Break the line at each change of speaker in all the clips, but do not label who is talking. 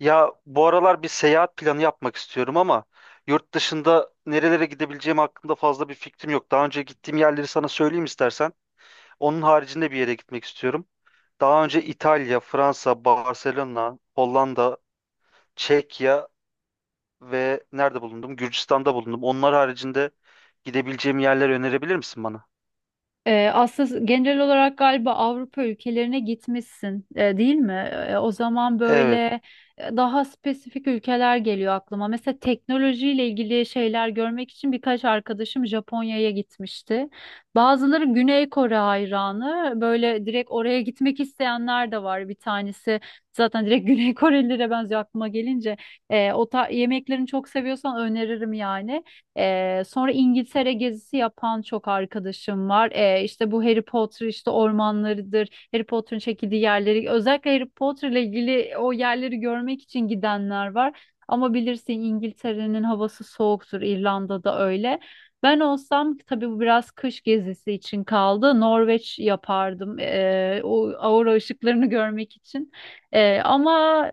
Ya bu aralar bir seyahat planı yapmak istiyorum ama yurt dışında nerelere gidebileceğim hakkında fazla bir fikrim yok. Daha önce gittiğim yerleri sana söyleyeyim istersen. Onun haricinde bir yere gitmek istiyorum. Daha önce İtalya, Fransa, Barcelona, Hollanda, Çekya ve nerede bulundum? Gürcistan'da bulundum. Onlar haricinde gidebileceğim yerler önerebilir misin bana?
Aslında genel olarak galiba Avrupa ülkelerine gitmişsin, değil mi? O zaman
Evet.
böyle daha spesifik ülkeler geliyor aklıma. Mesela teknolojiyle ilgili şeyler görmek için birkaç arkadaşım Japonya'ya gitmişti. Bazıları Güney Kore hayranı. Böyle direkt oraya gitmek isteyenler de var. Bir tanesi zaten direkt Güney Korelilere benziyor aklıma gelince. Yemeklerini çok seviyorsan öneririm yani. Sonra İngiltere gezisi yapan çok arkadaşım var. İşte bu Harry Potter işte ormanlarıdır. Harry Potter'ın çekildiği yerleri, özellikle Harry Potter ile ilgili o yerleri görmek için gidenler var. Ama bilirsin, İngiltere'nin havası soğuktur. İrlanda'da öyle. Ben olsam tabii bu biraz kış gezisi için kaldı, Norveç yapardım. O aurora ışıklarını görmek için. Ama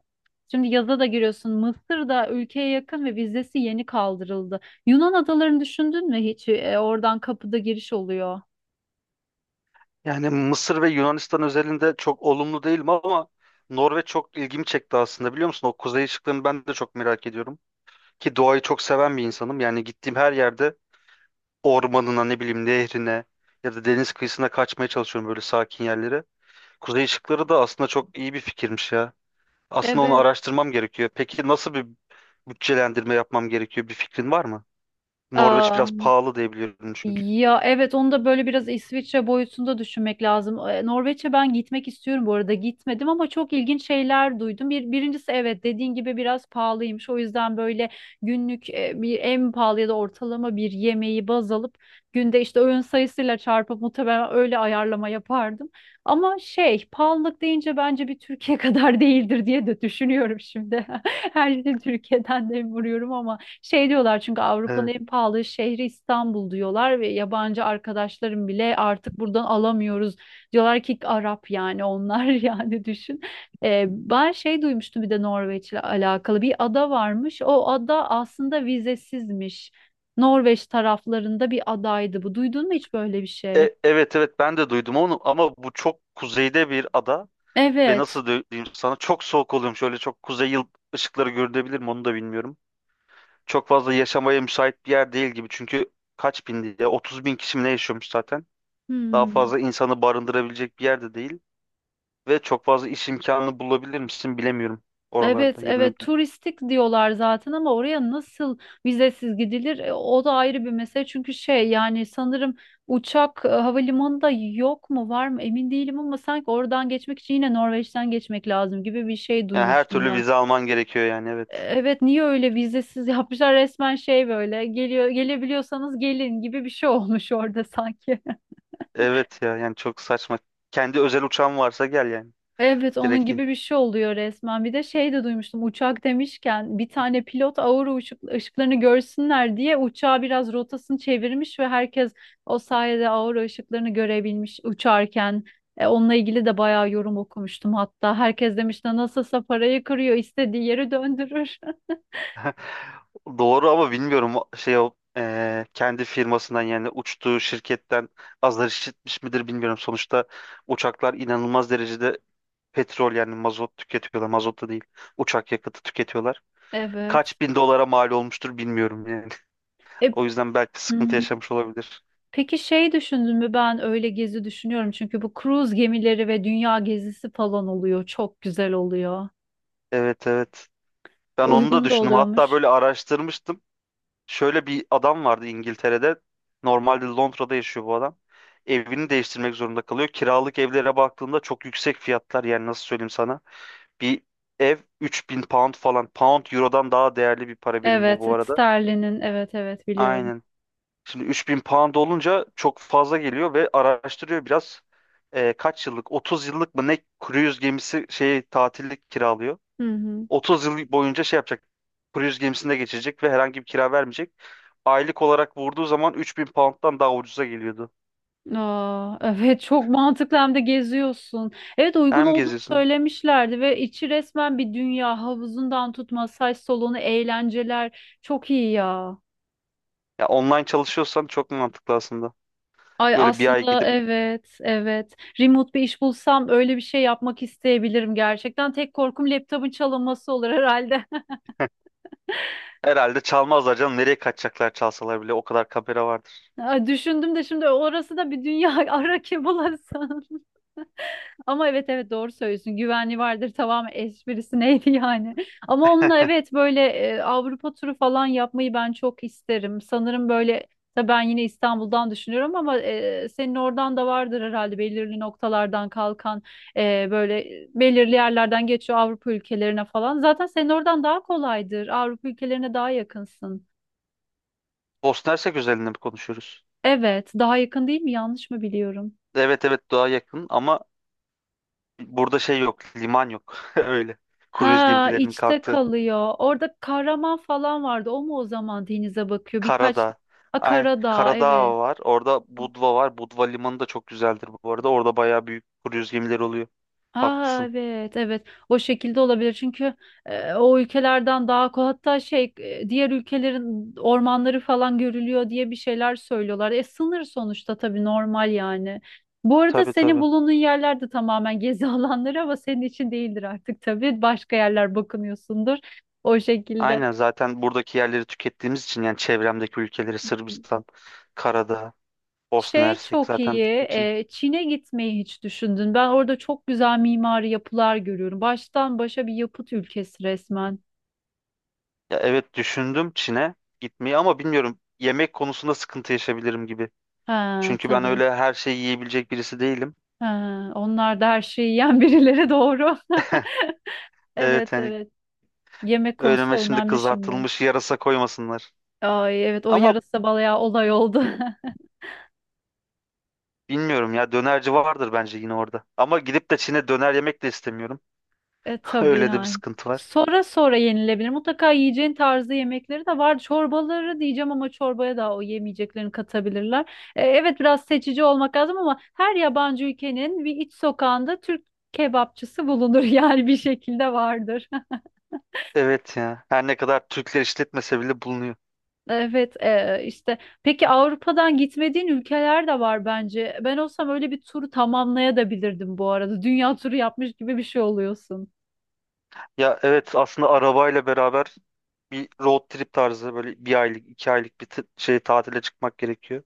Şimdi yaza da giriyorsun. Mısır da ülkeye yakın ve vizesi yeni kaldırıldı. Yunan adalarını düşündün mü hiç? Oradan kapıda giriş oluyor.
Yani Mısır ve Yunanistan özelinde çok olumlu değilim ama Norveç çok ilgimi çekti aslında biliyor musun? O kuzey ışıklarını ben de çok merak ediyorum. Ki doğayı çok seven bir insanım. Yani gittiğim her yerde ormanına, ne bileyim, nehrine ya da deniz kıyısına kaçmaya çalışıyorum, böyle sakin yerlere. Kuzey ışıkları da aslında çok iyi bir fikirmiş ya. Aslında onu
Evet.
araştırmam gerekiyor. Peki nasıl bir bütçelendirme yapmam gerekiyor? Bir fikrin var mı? Norveç
Aa,
biraz pahalı diye biliyorum çünkü.
ya evet, onu da böyle biraz İsviçre boyutunda düşünmek lazım. Norveç'e ben gitmek istiyorum bu arada. Gitmedim ama çok ilginç şeyler duydum. Birincisi, evet, dediğin gibi biraz pahalıymış. O yüzden böyle günlük bir en pahalı ya da ortalama bir yemeği baz alıp günde işte öğün sayısıyla çarpıp muhtemelen öyle ayarlama yapardım. Ama şey, pahalılık deyince bence bir Türkiye kadar değildir diye de düşünüyorum şimdi. Her şeyi Türkiye'den de vuruyorum ama. Şey diyorlar, çünkü Avrupa'nın
Evet.
en pahalı şehri İstanbul diyorlar ve yabancı arkadaşlarım bile artık buradan alamıyoruz diyorlar ki. Arap, yani onlar yani düşün. Ben şey duymuştum, bir de Norveç'le alakalı bir ada varmış. O ada aslında vizesizmiş. Norveç taraflarında bir adaydı bu. Duydun mu hiç böyle bir şey?
Evet, evet, ben de duydum onu ama bu çok kuzeyde bir ada ve
Evet.
nasıl diyeyim sana, çok soğuk oluyormuş. Öyle çok kuzey yıl ışıkları görünebilir mi onu da bilmiyorum. Çok fazla yaşamaya müsait bir yer değil gibi. Çünkü kaç bin diye, 30 bin kişi mi ne yaşıyormuş zaten.
Hı
Daha
hı.
fazla insanı barındırabilecek bir yerde değil. Ve çok fazla iş imkanı bulabilir misin bilemiyorum
Evet,
oralarda ya da ne
evet,
bileyim.
turistik diyorlar zaten ama oraya nasıl vizesiz gidilir? O da ayrı bir mesele, çünkü şey, yani sanırım uçak, havalimanında yok mu var mı emin değilim ama sanki oradan geçmek için yine Norveç'ten geçmek lazım gibi bir şey
Yani her
duymuştum
türlü
ben.
vize alman gerekiyor yani, evet.
Evet, niye öyle vizesiz yapmışlar resmen? Şey, böyle geliyor, gelebiliyorsanız gelin gibi bir şey olmuş orada sanki.
Evet ya, yani çok saçma. Kendi özel uçağın varsa gel yani.
Evet, onun
Direkt in.
gibi bir şey oluyor resmen. Bir de şey de duymuştum, uçak demişken, bir tane pilot aurora ışıklarını görsünler diye uçağı biraz rotasını çevirmiş ve herkes o sayede aurora ışıklarını görebilmiş uçarken. Onunla ilgili de bayağı yorum okumuştum hatta. Herkes demiş de nasılsa parayı kırıyor, istediği yeri döndürür.
Doğru ama bilmiyorum, o- şey o kendi firmasından yani uçtuğu şirketten azar işitmiş midir bilmiyorum. Sonuçta uçaklar inanılmaz derecede petrol, yani mazot tüketiyorlar. Mazot da değil. Uçak yakıtı tüketiyorlar.
Evet.
kaç bin dolara mal olmuştur bilmiyorum yani.
E,
O yüzden belki sıkıntı
hmm,
yaşamış olabilir.
peki şey, düşündün mü? Ben öyle gezi düşünüyorum, çünkü bu cruise gemileri ve dünya gezisi falan oluyor, çok güzel oluyor.
Evet, evet. Ben onu da
Uygun da
düşündüm. Hatta
oluyormuş.
böyle araştırmıştım. Şöyle bir adam vardı İngiltere'de. Normalde Londra'da yaşıyor bu adam. Evini değiştirmek zorunda kalıyor. Kiralık evlere baktığında çok yüksek fiyatlar. Yani nasıl söyleyeyim sana. Bir ev 3000 pound falan. Pound eurodan daha değerli bir para birimi, bu
Evet,
arada.
Sterlin'in, evet evet, biliyorum.
Aynen. Şimdi 3000 pound olunca çok fazla geliyor ve araştırıyor biraz. Kaç yıllık? 30 yıllık mı ne, cruise gemisi şey tatillik kiralıyor.
Hı hı.
30 yıl boyunca şey yapacak. Cruise gemisinde geçirecek ve herhangi bir kira vermeyecek. Aylık olarak vurduğu zaman 3000 pound'dan daha ucuza geliyordu.
Aa, evet, çok mantıklı, hem de geziyorsun. Evet, uygun
Hem
olduğunu
geziyorsun.
söylemişlerdi ve içi resmen bir dünya, havuzundan tut masaj salonu, eğlenceler, çok iyi ya.
Ya online çalışıyorsan çok mantıklı aslında.
Ay
Böyle bir ay
aslında
gidip
evet evet, remote bir iş bulsam öyle bir şey yapmak isteyebilirim gerçekten. Tek korkum laptopun çalınması olur herhalde.
herhalde çalmazlar canım. Nereye kaçacaklar, çalsalar bile o kadar kamera vardır.
Ay, düşündüm de şimdi orası da bir dünya, ara kim bulasın. Ama evet evet, doğru söylüyorsun. Güvenli vardır, tamam, esprisi neydi yani. Ama onunla evet, böyle Avrupa turu falan yapmayı ben çok isterim. Sanırım böyle, tabii ben yine İstanbul'dan düşünüyorum ama senin oradan da vardır herhalde belirli noktalardan kalkan, böyle belirli yerlerden geçiyor Avrupa ülkelerine falan. Zaten senin oradan daha kolaydır, Avrupa ülkelerine daha yakınsın.
Bosna Hersek özelinde mi konuşuyoruz?
Evet, daha yakın değil mi? Yanlış mı biliyorum?
Evet evet, daha yakın ama burada şey yok, liman yok. Öyle. Kruz
Ha,
gemilerinin
içte
kalktığı.
kalıyor. Orada kahraman falan vardı. O mu o zaman denize bakıyor? Birkaç...
Karadağ.
A,
Aynen.
Karadağ, evet.
Karadağ var. Orada Budva var. Budva limanı da çok güzeldir bu arada. Orada bayağı büyük kruz gemileri oluyor.
Aa,
Haklısın.
evet evet. O şekilde olabilir. Çünkü o ülkelerden daha hatta şey, diğer ülkelerin ormanları falan görülüyor diye bir şeyler söylüyorlar. E sınır sonuçta, tabii normal yani. Bu arada
Tabii
senin
tabii.
bulunduğun yerler de tamamen gezi alanları ama senin için değildir artık tabii. Başka yerler bakınıyorsundur o şekilde.
Aynen, zaten buradaki yerleri tükettiğimiz için, yani çevremdeki ülkeleri Sırbistan, Karadağ, Bosna
Şey
Hersek
çok
zaten
iyi.
bittiği için.
Çin'e gitmeyi hiç düşündün? Ben orada çok güzel mimari yapılar görüyorum. Baştan başa bir yapıt ülkesi resmen.
Ya evet, düşündüm Çin'e gitmeyi ama bilmiyorum, yemek konusunda sıkıntı yaşayabilirim gibi.
Ha
Çünkü ben
tabii.
öyle her şeyi yiyebilecek birisi değilim.
Ha, onlar da her şeyi yiyen birileri, doğru.
Evet
Evet
yani.
evet. Yemek konusu
Önüme şimdi
önemli şimdi.
kızartılmış yarasa koymasınlar.
Ay evet, o
Ama
yarasa bayağı olay oldu.
bilmiyorum ya, dönerci vardır bence yine orada. Ama gidip de Çin'e döner yemek de istemiyorum.
E tabii
Öyle de bir
yani.
sıkıntı var.
Sonra sonra yenilebilir. Mutlaka yiyeceğin tarzı yemekleri de var. Çorbaları diyeceğim ama çorbaya da o yemeyeceklerini katabilirler. Evet, biraz seçici olmak lazım ama her yabancı ülkenin bir iç sokağında Türk kebapçısı bulunur yani, bir şekilde vardır.
Evet ya. Her ne kadar Türkler işletmese bile bulunuyor.
Evet, peki, Avrupa'dan gitmediğin ülkeler de var bence. Ben olsam öyle bir turu tamamlayabilirdim bu arada. Dünya turu yapmış gibi bir şey oluyorsun.
Ya evet, aslında arabayla beraber bir road trip tarzı, böyle bir aylık iki aylık bir tatile çıkmak gerekiyor.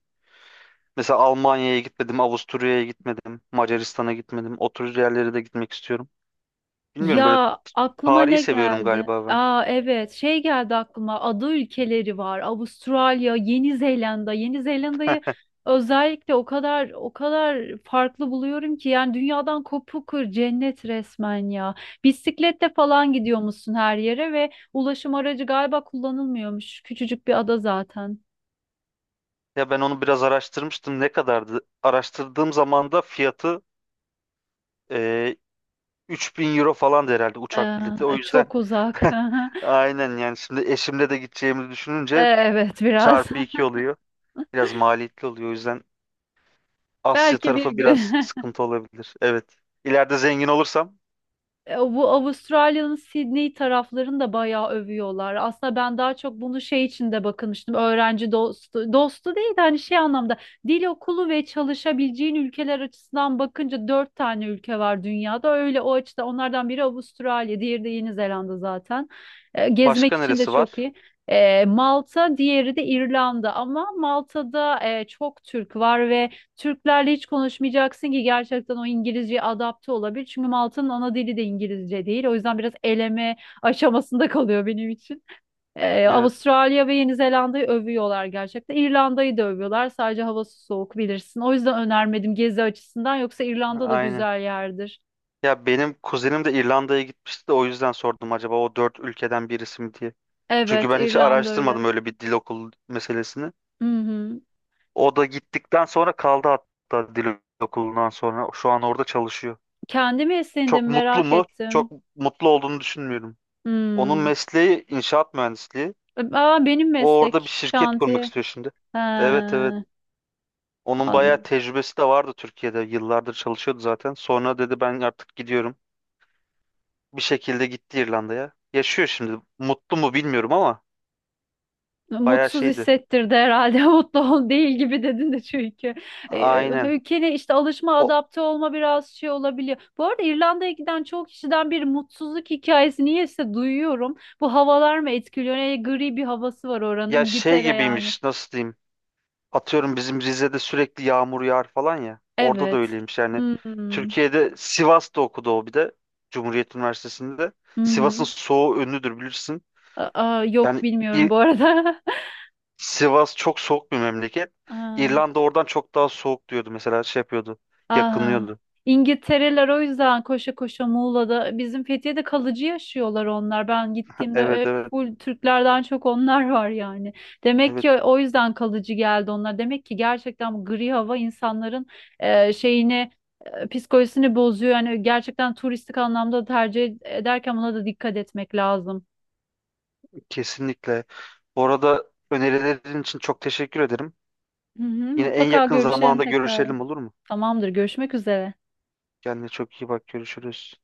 Mesela Almanya'ya gitmedim, Avusturya'ya gitmedim, Macaristan'a gitmedim. O tür yerlere de gitmek istiyorum. Bilmiyorum, böyle
Ya aklıma
tarihi
ne
seviyorum
geldi?
galiba ben.
Aa evet, şey geldi aklıma, ada ülkeleri var. Avustralya, Yeni Zelanda. Yeni Zelanda'yı özellikle o kadar o kadar farklı buluyorum ki, yani dünyadan kopukur cennet resmen ya. Bisikletle falan gidiyor musun her yere ve ulaşım aracı galiba kullanılmıyormuş. Küçücük bir ada zaten.
Ya ben onu biraz araştırmıştım. Ne kadardı? Araştırdığım zaman da fiyatı e, 3000 euro falan herhalde uçak bileti. O
Ee,
yüzden
Çok uzak.
aynen yani, şimdi eşimle de gideceğimizi düşününce
Evet biraz.
çarpı 2 oluyor. Biraz maliyetli oluyor. O yüzden Asya
Belki bir
tarafı
gün.
biraz sıkıntı olabilir. Evet. İleride zengin olursam
Bu Avustralya'nın Sydney taraflarını da bayağı övüyorlar. Aslında ben daha çok bunu şey için de bakılmıştım. Öğrenci dostu, dostu değil de hani şey anlamda dil okulu ve çalışabileceğin ülkeler açısından bakınca dört tane ülke var dünyada. Öyle o açıda onlardan biri Avustralya, diğeri de Yeni Zelanda zaten. Gezmek
başka
için de
neresi
çok
var?
iyi. Malta, diğeri de İrlanda ama Malta'da çok Türk var ve Türklerle hiç konuşmayacaksın ki gerçekten o İngilizceye adapte olabilir. Çünkü Malta'nın ana dili de İngilizce değil. O yüzden biraz eleme aşamasında kalıyor benim için.
Evet.
Avustralya ve Yeni Zelanda'yı övüyorlar gerçekten. İrlanda'yı da övüyorlar. Sadece havası soğuk, bilirsin. O yüzden önermedim gezi açısından. Yoksa İrlanda da
Aynen.
güzel yerdir.
Ya benim kuzenim de İrlanda'ya gitmişti de o yüzden sordum acaba o dört ülkeden birisi mi diye. Çünkü
Evet,
ben hiç
İrlanda öyle.
araştırmadım öyle bir dil okulu meselesini.
Hı hı.
O da gittikten sonra kaldı, hatta dil okulundan sonra. Şu an orada çalışıyor.
Kendimi
Çok
esindim,
mutlu
merak
mu?
ettim.
Çok mutlu olduğunu düşünmüyorum. Onun
Hmm.
mesleği inşaat mühendisliği.
Aa, benim
O orada bir
meslek
şirket kurmak
şantiye.
istiyor şimdi.
He,
Evet evet. Onun bayağı
anladım.
tecrübesi de vardı Türkiye'de. Yıllardır çalışıyordu zaten. Sonra dedi ben artık gidiyorum. Bir şekilde gitti İrlanda'ya. Yaşıyor şimdi. Mutlu mu bilmiyorum ama bayağı
Mutsuz
şeydi.
hissettirdi herhalde. Mutlu ol değil gibi dedin de çünkü.
Aynen.
Ülkene işte alışma,
O
adapte olma biraz şey olabiliyor. Bu arada İrlanda'ya giden çok kişiden bir mutsuzluk hikayesi niyeyse duyuyorum. Bu havalar mı etkiliyor? Ne gri bir havası var oranın.
ya, şey
İngiltere yani.
gibiymiş, nasıl diyeyim? Atıyorum bizim Rize'de sürekli yağmur yağar falan ya. Orada da
Evet.
öyleymiş yani.
Hmm.
Türkiye'de Sivas'ta okudu o bir de. Cumhuriyet Üniversitesi'nde.
Hı
Sivas'ın
hı.
soğuğu ünlüdür bilirsin.
Aa, yok,
Yani
bilmiyorum
İ-
bu arada.
Sivas çok soğuk bir memleket.
Aa.
İrlanda oradan çok daha soğuk diyordu mesela, şey yapıyordu.
Aha.
Yakınıyordu.
İngiltereler o yüzden koşa koşa Muğla'da bizim Fethiye'de kalıcı yaşıyorlar onlar. Ben gittiğimde
Evet evet
full Türklerden çok onlar var yani. Demek
evet,
ki o yüzden kalıcı geldi onlar. Demek ki gerçekten bu gri hava insanların e, şeyini psikolojisini bozuyor. Yani gerçekten turistik anlamda tercih ederken buna da dikkat etmek lazım.
kesinlikle. Bu arada önerilerin için çok teşekkür ederim.
Hı hı,
Yine en
mutlaka
yakın
görüşelim
zamanda
tekrar.
görüşelim olur mu?
Tamamdır, görüşmek üzere.
Kendine çok iyi bak, görüşürüz.